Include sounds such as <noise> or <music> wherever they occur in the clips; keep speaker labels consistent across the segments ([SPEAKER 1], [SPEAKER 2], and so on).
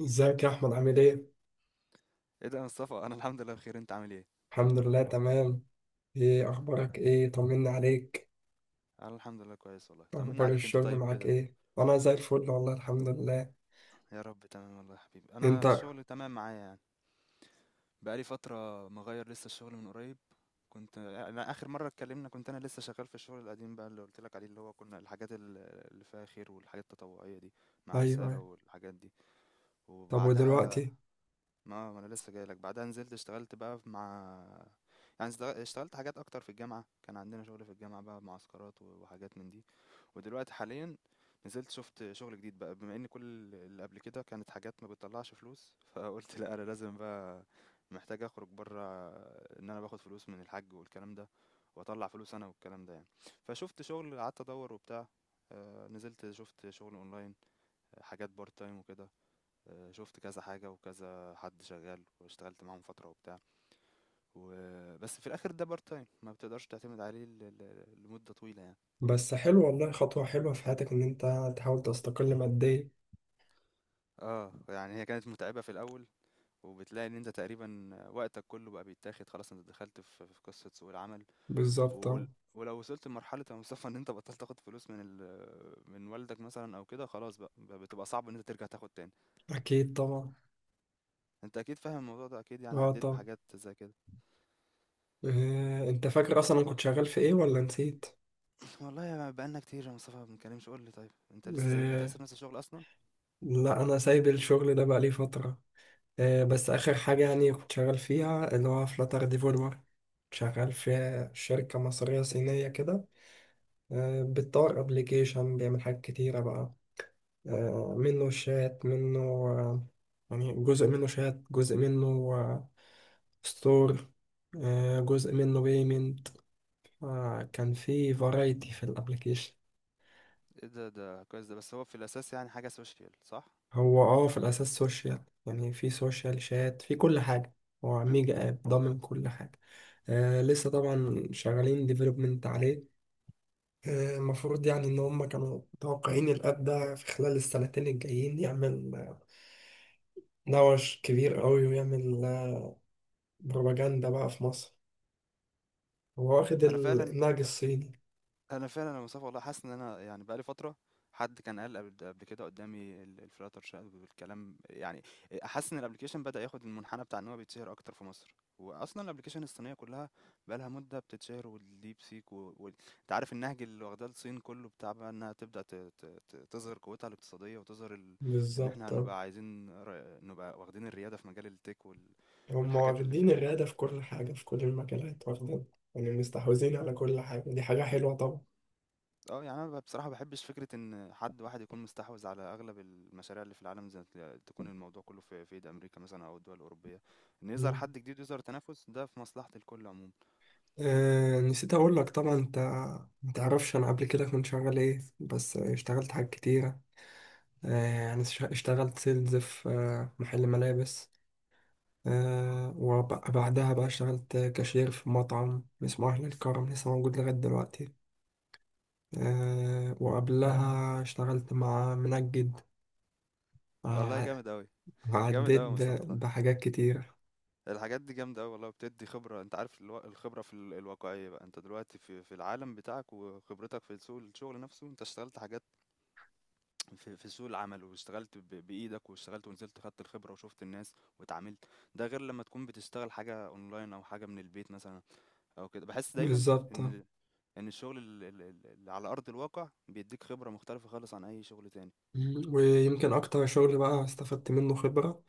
[SPEAKER 1] ازيك يا احمد، عامل ايه؟
[SPEAKER 2] ايه ده يا مصطفى، انا الحمد لله بخير. انت عامل ايه؟
[SPEAKER 1] الحمد لله تمام. ايه اخبارك؟ ايه، طمني عليك.
[SPEAKER 2] انا الحمد لله كويس والله. طمنا
[SPEAKER 1] اخبار
[SPEAKER 2] عليك، انت
[SPEAKER 1] الشغل
[SPEAKER 2] طيب
[SPEAKER 1] معاك
[SPEAKER 2] كده؟
[SPEAKER 1] ايه؟ انا زي الفل والله الحمد لله.
[SPEAKER 2] يا رب تمام والله يا حبيبي.
[SPEAKER 1] انت.
[SPEAKER 2] انا الشغل تمام معايا يعني. بقالي فتره مغير لسه الشغل من قريب. كنت أنا اخر مره اتكلمنا كنت انا لسه شغال في الشغل القديم بقى اللي قلت لك عليه، اللي هو كنا الحاجات اللي فيها خير والحاجات التطوعيه دي، مع
[SPEAKER 1] ايوه،
[SPEAKER 2] رساله
[SPEAKER 1] أيوة.
[SPEAKER 2] والحاجات دي.
[SPEAKER 1] طب،
[SPEAKER 2] وبعدها
[SPEAKER 1] ودلوقتي؟
[SPEAKER 2] ما انا لسه جاي لك. بعدها نزلت اشتغلت بقى مع، يعني اشتغلت حاجات اكتر في الجامعه. كان عندنا شغل في الجامعه بقى، معسكرات وحاجات من دي. ودلوقتي حاليا نزلت شفت شغل جديد بقى، بما ان كل اللي قبل كده كانت حاجات ما بتطلعش فلوس. <laughs> فقلت لا، انا لازم بقى، محتاج اخرج بره، ان انا باخد فلوس من الحاج والكلام ده، واطلع فلوس انا والكلام ده يعني. فشفت شغل، قعدت ادور وبتاع. نزلت شفت شغل اونلاين، حاجات بارت تايم وكده. شفت كذا حاجة وكذا حد شغال واشتغلت معاهم فترة وبتاع و... بس في الآخر ده بارت تايم، ما بتقدرش تعتمد عليه لمدة طويلة يعني.
[SPEAKER 1] بس حلو والله، خطوة حلوة في حياتك ان انت تحاول تستقل ماديا.
[SPEAKER 2] اه يعني هي كانت متعبة في الأول، وبتلاقي ان انت تقريبا وقتك كله بقى بيتاخد خلاص، انت دخلت في قصة سوق العمل
[SPEAKER 1] بالظبط،
[SPEAKER 2] و...
[SPEAKER 1] اه.
[SPEAKER 2] ولو وصلت لمرحلة يا مصطفى ان انت بطلت تاخد فلوس من والدك مثلا او كده، خلاص بقى بتبقى صعب ان انت ترجع تاخد تاني.
[SPEAKER 1] اكيد طبعا.
[SPEAKER 2] انت اكيد فاهم الموضوع ده اكيد، يعني
[SPEAKER 1] اه،
[SPEAKER 2] عديت
[SPEAKER 1] طبعا.
[SPEAKER 2] بحاجات زي كده.
[SPEAKER 1] إيه. انت فاكر اصلا أنا كنت شغال في ايه ولا نسيت؟
[SPEAKER 2] والله يا، بقالنا كتير يا مصطفى ما بنتكلمش، قول لي طيب، انت لسه، انت لسه
[SPEAKER 1] إيه.
[SPEAKER 2] في نفس الشغل اصلا؟
[SPEAKER 1] لا، انا سايب الشغل ده بقالي فترة. بس آخر حاجة يعني كنت شغال فيها اللي هو فلاتر ديفلوبر، شغال في شركة مصرية صينية كده. بتطور أبليكيشن بيعمل حاجات كتيرة بقى. منه شات، منه يعني جزء منه شات، جزء منه ستور، جزء منه بيمنت. كان في فرايتي في الأبليكيشن.
[SPEAKER 2] ايه ده، ده كويس ده. بس هو في الاساس يعني حاجه سوشيال صح؟
[SPEAKER 1] هو في الأساس سوشيال، يعني في سوشيال شات في كل حاجة. هو ميجا آب ضامن كل حاجة. لسه طبعا شغالين ديفلوبمنت عليه. المفروض يعني إن هم كانوا متوقعين الأب ده في خلال السنتين الجايين يعمل نوش كبير أوي، ويعمل بروباجندا بقى في مصر. هو واخد
[SPEAKER 2] انا فعلا
[SPEAKER 1] النهج الصيني.
[SPEAKER 2] أنا فعلًا يا مصطفى والله حاسس إن أنا يعني بقى لي فترة، حد كان قال قبل كده قدّامي الflutter shell والكلام يعني. حاسس إن الapplication بدأ ياخد المنحنى بتاع إن هو بيتشهر أكتر في مصر، وأصلًا الapplication الصينية كلّها بقى لها مدة بتتشهر، والdeep seek أنت عارف النهج اللي واخداه الصين كلّه، بتاع بقى إنها تبدأ ت ت ت تظهر قوتها الاقتصادية وتظهر إن إحنا
[SPEAKER 1] بالظبط آه.
[SPEAKER 2] هنبقى عايزين نبقى واخدين الريادة في مجال الtech
[SPEAKER 1] هم
[SPEAKER 2] والحاجات اللي
[SPEAKER 1] واخدين
[SPEAKER 2] فيها.
[SPEAKER 1] الريادة في كل حاجة، في كل المجالات واخدين، يعني مستحوذين على كل حاجة. دي حاجة حلوة طبعا.
[SPEAKER 2] يعني أنا بصراحة ما باحبش فكرة إن حد واحد يكون مستحوذ على أغلب المشاريع اللي في العالم، زي تكون الموضوع كلّه في إيد أمريكا مثلًا، أو الدول الأوروبية. إن يظهر
[SPEAKER 1] مم.
[SPEAKER 2] حد جديد ويظهر تنافس ده في مصلحة الكل عمومًا.
[SPEAKER 1] نسيت أقول لك. طبعا أنت متعرفش أنا قبل كده كنت شغال إيه، بس اشتغلت حاجات كتيرة. أنا اشتغلت سيلز في محل ملابس. وبعدها بقى اشتغلت كاشير في مطعم اسمه أهل الكرم، لسه موجود لغاية دلوقتي. وقبلها اشتغلت مع منجد.
[SPEAKER 2] والله
[SPEAKER 1] آه،
[SPEAKER 2] جامد أوي، جامد
[SPEAKER 1] عديت
[SPEAKER 2] أوي يا مصطفى والله.
[SPEAKER 1] بحاجات كتير.
[SPEAKER 2] الحاجات دي جامدة أوي والله وبتدّي خبرة. أنت عارف الخبرة في الواقعية بقى، أنت دلوقتي في العالم بتاعك، وخبرتك في سوق الشغل نفسه، أنت اشتغلت حاجات في سوق العمل، واشتغلت بإيدك، واشتغلت ونزلت خدت الخبرة وشُفت الناس واتعاملت. ده غير لمّا تكون بتشتغل حاجة أونلاين أو حاجة من البيت مثلًا او كده. بحس دايما
[SPEAKER 1] بالظبط.
[SPEAKER 2] ان ان الشغل اللي على ارض الواقع بيديك خبره مختلفه خالص عن اي شغل تاني.
[SPEAKER 1] مم، ويمكن أكتر شغل بقى استفدت منه خبرة،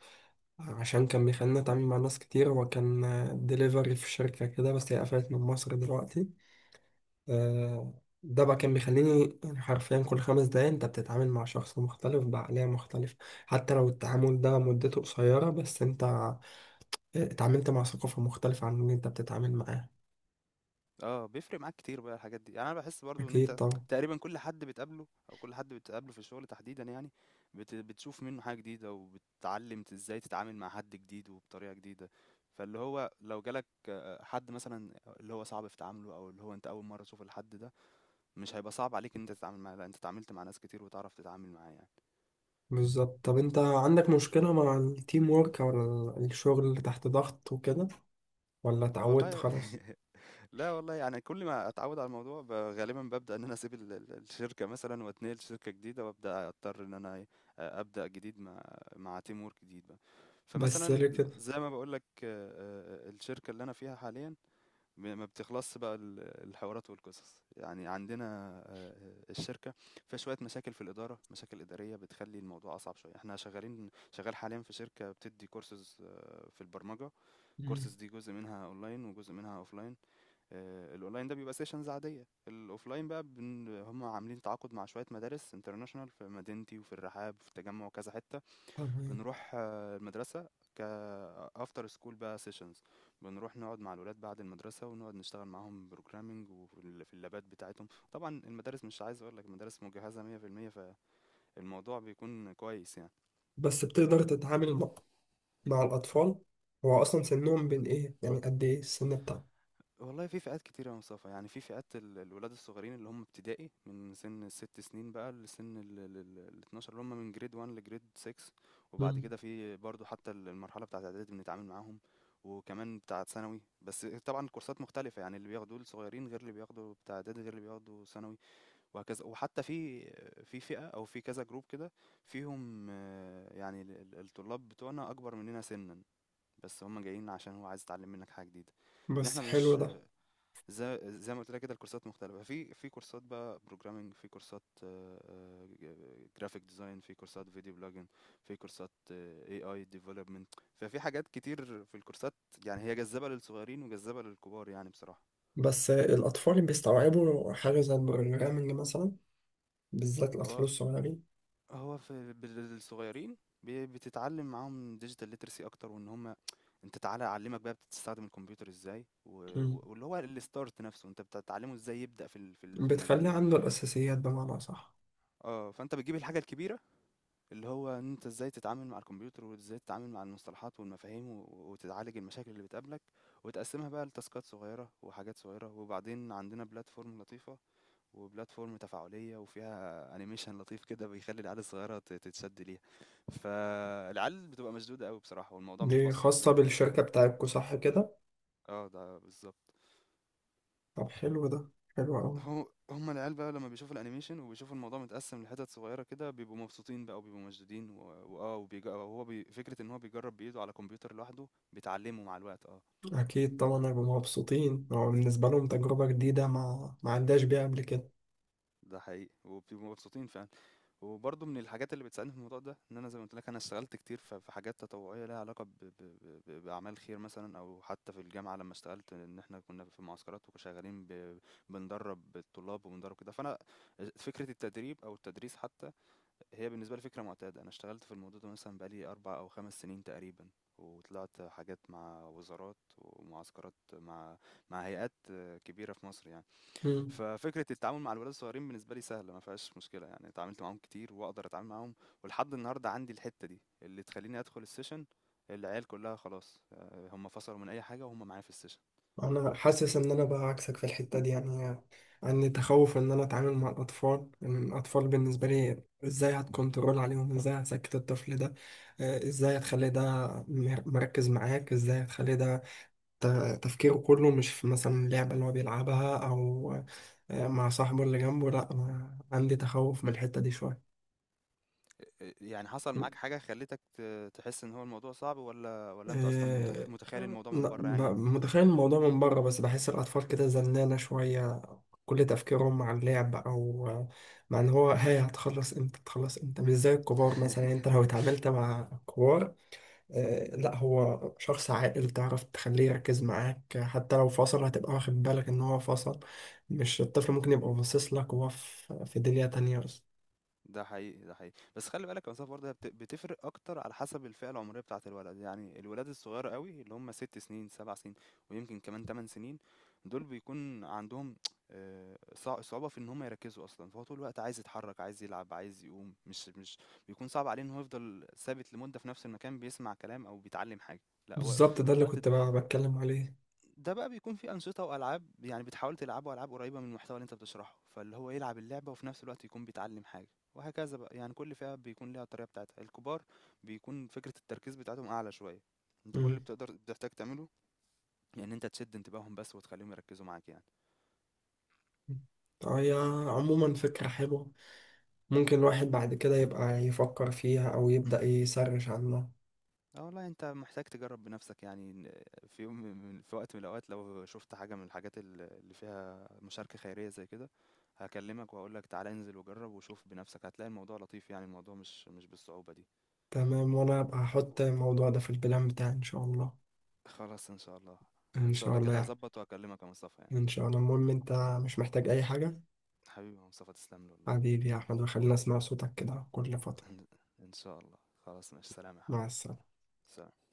[SPEAKER 1] عشان كان بيخليني أتعامل مع ناس كتير. وكان ديليفري في شركة كده، بس هي قفلت من مصر دلوقتي. آه، ده بقى كان بيخليني يعني حرفيا كل 5 دقايق انت بتتعامل مع شخص مختلف بعقلية مختلفة. حتى لو التعامل ده مدته قصيرة، بس انت اتعاملت مع ثقافة مختلفة عن اللي انت بتتعامل معاه.
[SPEAKER 2] اه بيفرق معاك كتير بقى الحاجات دي يعني. انا بحس برضو ان
[SPEAKER 1] اكيد
[SPEAKER 2] انت
[SPEAKER 1] طبعا.
[SPEAKER 2] تقريبا كل حد بتقابله، او كل حد بتقابله في الشغل تحديدا يعني، بتشوف منه حاجه جديده، وبتتعلم ازاي تتعامل مع حد جديد وبطريقه جديده. فاللي هو لو جالك حد مثلا اللي هو صعب في تعامله، او اللي هو انت اول مره تشوف الحد ده، مش هيبقى صعب عليك ان انت تتعامل معاه. لا، انت اتعاملت مع ناس كتير وتعرف تتعامل معاه يعني.
[SPEAKER 1] بالظبط. طب انت عندك مشكلة مع التيم وورك، او الشغل اللي تحت ضغط وكده، ولا
[SPEAKER 2] آه
[SPEAKER 1] اتعودت
[SPEAKER 2] والله.
[SPEAKER 1] خلاص؟
[SPEAKER 2] <laughs> لا والله، يعني كل ما اتعود على الموضوع غالبا ببدا ان انا اسيب الشركه مثلا، واتنقل شركه جديده، وابدا اضطر ان انا ابدا جديد مع مع تيم وورك جديد بقى.
[SPEAKER 1] بس
[SPEAKER 2] فمثلا
[SPEAKER 1] ليه كده؟
[SPEAKER 2] زي ما بقول لك الشركه اللي انا فيها حاليا، ما بتخلصش بقى الحوارات والقصص يعني. عندنا آه، الشركه فيها شويه مشاكل في الاداره، مشاكل اداريه بتخلي الموضوع اصعب شويه. احنا شغال حاليا في شركه بتدي كورسز في البرمجه.
[SPEAKER 1] مم،
[SPEAKER 2] كورسز دي جزء منها اونلاين وجزء منها اوفلاين. الاونلاين ده بيبقى سيشنز عاديه. الاوفلاين بقى هم عاملين تعاقد مع شويه مدارس انترناشونال في مدينتي وفي الرحاب وفي التجمع وكذا حته.
[SPEAKER 1] تمام.
[SPEAKER 2] بنروح المدرسه ك افتر سكول بقى سيشنز. بنروح نقعد مع الولاد بعد المدرسه، ونقعد نشتغل معاهم بروجرامنج، وفي في اللابات بتاعتهم. طبعا المدارس، مش عايز اقول لك، المدارس مجهزه 100%، فالموضوع بيكون كويس يعني.
[SPEAKER 1] بس بتقدر تتعامل مع الأطفال؟ هو أصلا سنهم بين إيه يعني؟ قد إيه السن بتاعهم؟
[SPEAKER 2] والله في فئات كتيرة يا مصطفى، يعني في فئات الولاد الصغيرين اللي هم ابتدائي، من سن ال6 سنين بقى لسن 12، اللي هم من جريد 1 لجريد 6. وبعد
[SPEAKER 1] مم.
[SPEAKER 2] كده في برضو حتى المرحلة بتاعة اعدادي بنتعامل معاهم، وكمان بتاعة ثانوي. بس طبعا الكورسات مختلفة، يعني اللي بياخدوه الصغيرين غير اللي بياخدوا بتاع اعدادي، غير اللي بياخدوا ثانوي، وهكذا. وحتى في في فئة او في كذا جروب كده فيهم، يعني الطلاب بتوعنا اكبر مننا سنا، بس هم جايين عشان هو عايز يتعلم منك حاجة جديدة. ان
[SPEAKER 1] بس
[SPEAKER 2] احنا
[SPEAKER 1] حلو
[SPEAKER 2] مش،
[SPEAKER 1] ده.
[SPEAKER 2] زي ما قلت لك كده الكورسات مختلفة، في في كورسات بقى بروجرامنج، في كورسات جرافيك ديزاين، في كورسات فيديو بلوجن، في كورسات اي اي ديفلوبمنت. ففي حاجات كتير في الكورسات، يعني هي جذابة للصغيرين وجذابة للكبار يعني بصراحة.
[SPEAKER 1] بس الأطفال بيستوعبوا حاجة زي البروجرامنج مثلا؟ بالذات الأطفال
[SPEAKER 2] هو
[SPEAKER 1] الصغيرين.
[SPEAKER 2] هو في الصغيرين بتتعلم معاهم ديجيتال ليترسي اكتر، وان هم انت تعالى اعلمك بقى بتستخدم الكمبيوتر ازاي،
[SPEAKER 1] مم.
[SPEAKER 2] واللي هو الستارت نفسه انت بتتعلمه ازاي يبدأ في المجال
[SPEAKER 1] بتخلي
[SPEAKER 2] ده.
[SPEAKER 1] عنده الأساسيات بمعنى، صح؟
[SPEAKER 2] اه فانت بتجيب الحاجة الكبيرة، اللي هو إن أنت إزاي تتعامل مع الكمبيوتر، وإزاي تتعامل مع المصطلحات والمفاهيم، وتتعالج المشاكل اللي بتقابلك، وتقسمها بقى لتاسكات صغيرة وحاجات صغيرة. وبعدين عندنا بلاتفورم لطيفة، وبلاتفورم تفاعلية، وفيها انيميشن لطيف كده بيخلي العيال الصغيرة تتشد ليها. فالعيال بتبقى مشدودة قوي بصراحة، والموضوع
[SPEAKER 1] دي
[SPEAKER 2] متبسط
[SPEAKER 1] خاصة بالشركة بتاعتكو صح كده؟
[SPEAKER 2] اه ده بالظبط.
[SPEAKER 1] طب حلو ده، حلو أوي.
[SPEAKER 2] هو هم العيال بقى لمّا بيشوفوا الأنيميشن، وبيشوفوا الموضوع متقسّم لحتت صغيّرة كده، بيبقوا مبسوطين بقى وبيبقوا مشدودين وبيج هو بي فكرة إن هو بيجرّب بإيده على كمبيوتر لوحده، بيتعلّموا مع الوقت
[SPEAKER 1] أكيد طبعا هيبقوا مبسوطين، هو بالنسبة لهم تجربة جديدة ما عندهاش بيها قبل
[SPEAKER 2] ده حقيقي، وبيبقوا مبسوطين فعلًا. وبرضه من الحاجات اللي بتساعدني في الموضوع ده، إن أنا زي ما قُلت لك أنا اشتغلت كتير في حاجات تطوعية ليها علاقة ب ب ب ب بأعمال خير مثلًا، أو حتى في الجامعة لمّا اشتغلت، إن إحنا كنا في معسكرات وشغالين بندرّب الطلاب، وبندرّب كده. فأنا فكرة التدريب أو التدريس حتى هي بالنسبة لي فكرة معتادة. أنا اشتغلت في الموضوع ده مثلا بقالي 4 أو 5 سنين تقريبا، وطلعت حاجات مع وزارات ومعسكرات مع مع هيئات كبيرة في مصر يعني.
[SPEAKER 1] كده.
[SPEAKER 2] ففكرة التعامل مع الولاد الصغيرين بالنسبة لي سهلة، ما فيهاش مشكلة يعني. اتعاملت معاهم كتير وأقدر أتعامل معاهم، ولحد النهاردة عندي الحتة دي اللي تخليني أدخل السيشن، العيال كلها خلاص هم فصلوا من أي حاجة وهم معايا في السيشن.
[SPEAKER 1] انا حاسس ان انا بقى عكسك في الحته دي يعني. عندي تخوف ان انا اتعامل مع الاطفال، ان الاطفال بالنسبه لي ازاي هتكنترول عليهم، ازاي هتسكت الطفل ده، ازاي هتخلي ده مركز معاك، ازاي هتخلي ده تفكيره كله مش في مثلا اللعبه اللي هو بيلعبها، او مع صاحبه اللي جنبه. لا أنا عندي تخوف من الحته دي شويه.
[SPEAKER 2] يعني حصل معاك حاجة خلتك تحس إن هو الموضوع صعب؟ ولا أنت أصلا
[SPEAKER 1] آه،
[SPEAKER 2] متخيل الموضوع
[SPEAKER 1] لا،
[SPEAKER 2] من بره يعني؟
[SPEAKER 1] متخيل الموضوع من بره، بس بحس الأطفال كده زنانة شوية. كل تفكيرهم مع اللعب، او مع ان هو هاي هتخلص امتى، هتخلص امتى، مش زي الكبار مثلا. يعني انت
[SPEAKER 2] <laughs>
[SPEAKER 1] لو اتعاملت مع كبار، لا، هو شخص عاقل تعرف تخليه يركز معاك. حتى لو فصل هتبقى واخد بالك ان هو فصل، مش الطفل ممكن يبقى باصص لك وهو في دنيا تانية بس.
[SPEAKER 2] ده حقيقي، ده حقيقي. بس خلّي بالك المسافة برضه هي بتفرق أكتر على حسب الفئة العمرية بتاعة الولد. يعني الولاد الصغيّر أوي اللي هم 6 سنين، 7 سنين، ويمكن كمان 8 سنين، دول بيكون عندهم صع صعوبة في إن هم يركّزوا أصلًا. فهو طول الوقت عايز يتحرّك، عايز يلعب، عايز يقوم، مش بيكون صعب عليه إن هو يفضل ثابت لمدة في نفس المكان بيسمع كلام أو بيتعلّم حاجة. لأ هو
[SPEAKER 1] بالظبط، ده
[SPEAKER 2] طول
[SPEAKER 1] اللي
[SPEAKER 2] الوقت
[SPEAKER 1] كنت بقى بتكلم عليه.
[SPEAKER 2] ده بقى بيكون في أنشطة وألعاب، يعني بتحاول تلعبه ألعاب قريبة من المحتوى اللي أنت بتشرحه، فاللي هو يلعب اللعبة وفي نفس الوقت يكون بيتعلم حاجة، وهكذا بقى. يعني كل فئة بيكون ليها الطريقة بتاعتها. الكبار بيكون فكرة التركيز بتاعتهم أعلى شوية، أنت كل
[SPEAKER 1] مم.
[SPEAKER 2] اللي بتحتاج تعمله يعني أنت تشد انتباههم بس وتخليهم يركزوا معاك يعني.
[SPEAKER 1] هي عموما فكرة حلوة، ممكن الواحد بعد كده يبقى يفكر فيها أو يبدأ يسرش عنها.
[SPEAKER 2] اه والله أنت محتاج تجرب بنفسك يعني، إن في وقت من الأوقات لو شفت حاجة من الحاجات اللي فيها مشاركة خيرية زي كده، هكلمك وهقول لك تعالى انزل وجرب وشوف بنفسك، هتلاقي الموضوع لطيف يعني، الموضوع مش بالصعوبة دي.
[SPEAKER 1] تمام، وانا هبقى هحط الموضوع ده في البلان بتاعي ان شاء الله.
[SPEAKER 2] خلاص ان شاء الله. ان
[SPEAKER 1] ان
[SPEAKER 2] شاء
[SPEAKER 1] شاء
[SPEAKER 2] الله
[SPEAKER 1] الله
[SPEAKER 2] كده
[SPEAKER 1] يعني.
[SPEAKER 2] هظبط واكلمك يا مصطفى يعني.
[SPEAKER 1] ان شاء الله. المهم، انت مش محتاج اي حاجة؟
[SPEAKER 2] حبيبي يا مصطفى تسلم لي والله.
[SPEAKER 1] حبيبي يا احمد، وخلينا اسمع صوتك كده كل فترة.
[SPEAKER 2] <laughs> ان إن شاء الله. خلاص ماشي، سلام يا
[SPEAKER 1] مع
[SPEAKER 2] حبيبي.
[SPEAKER 1] السلامة.
[SPEAKER 2] سلام.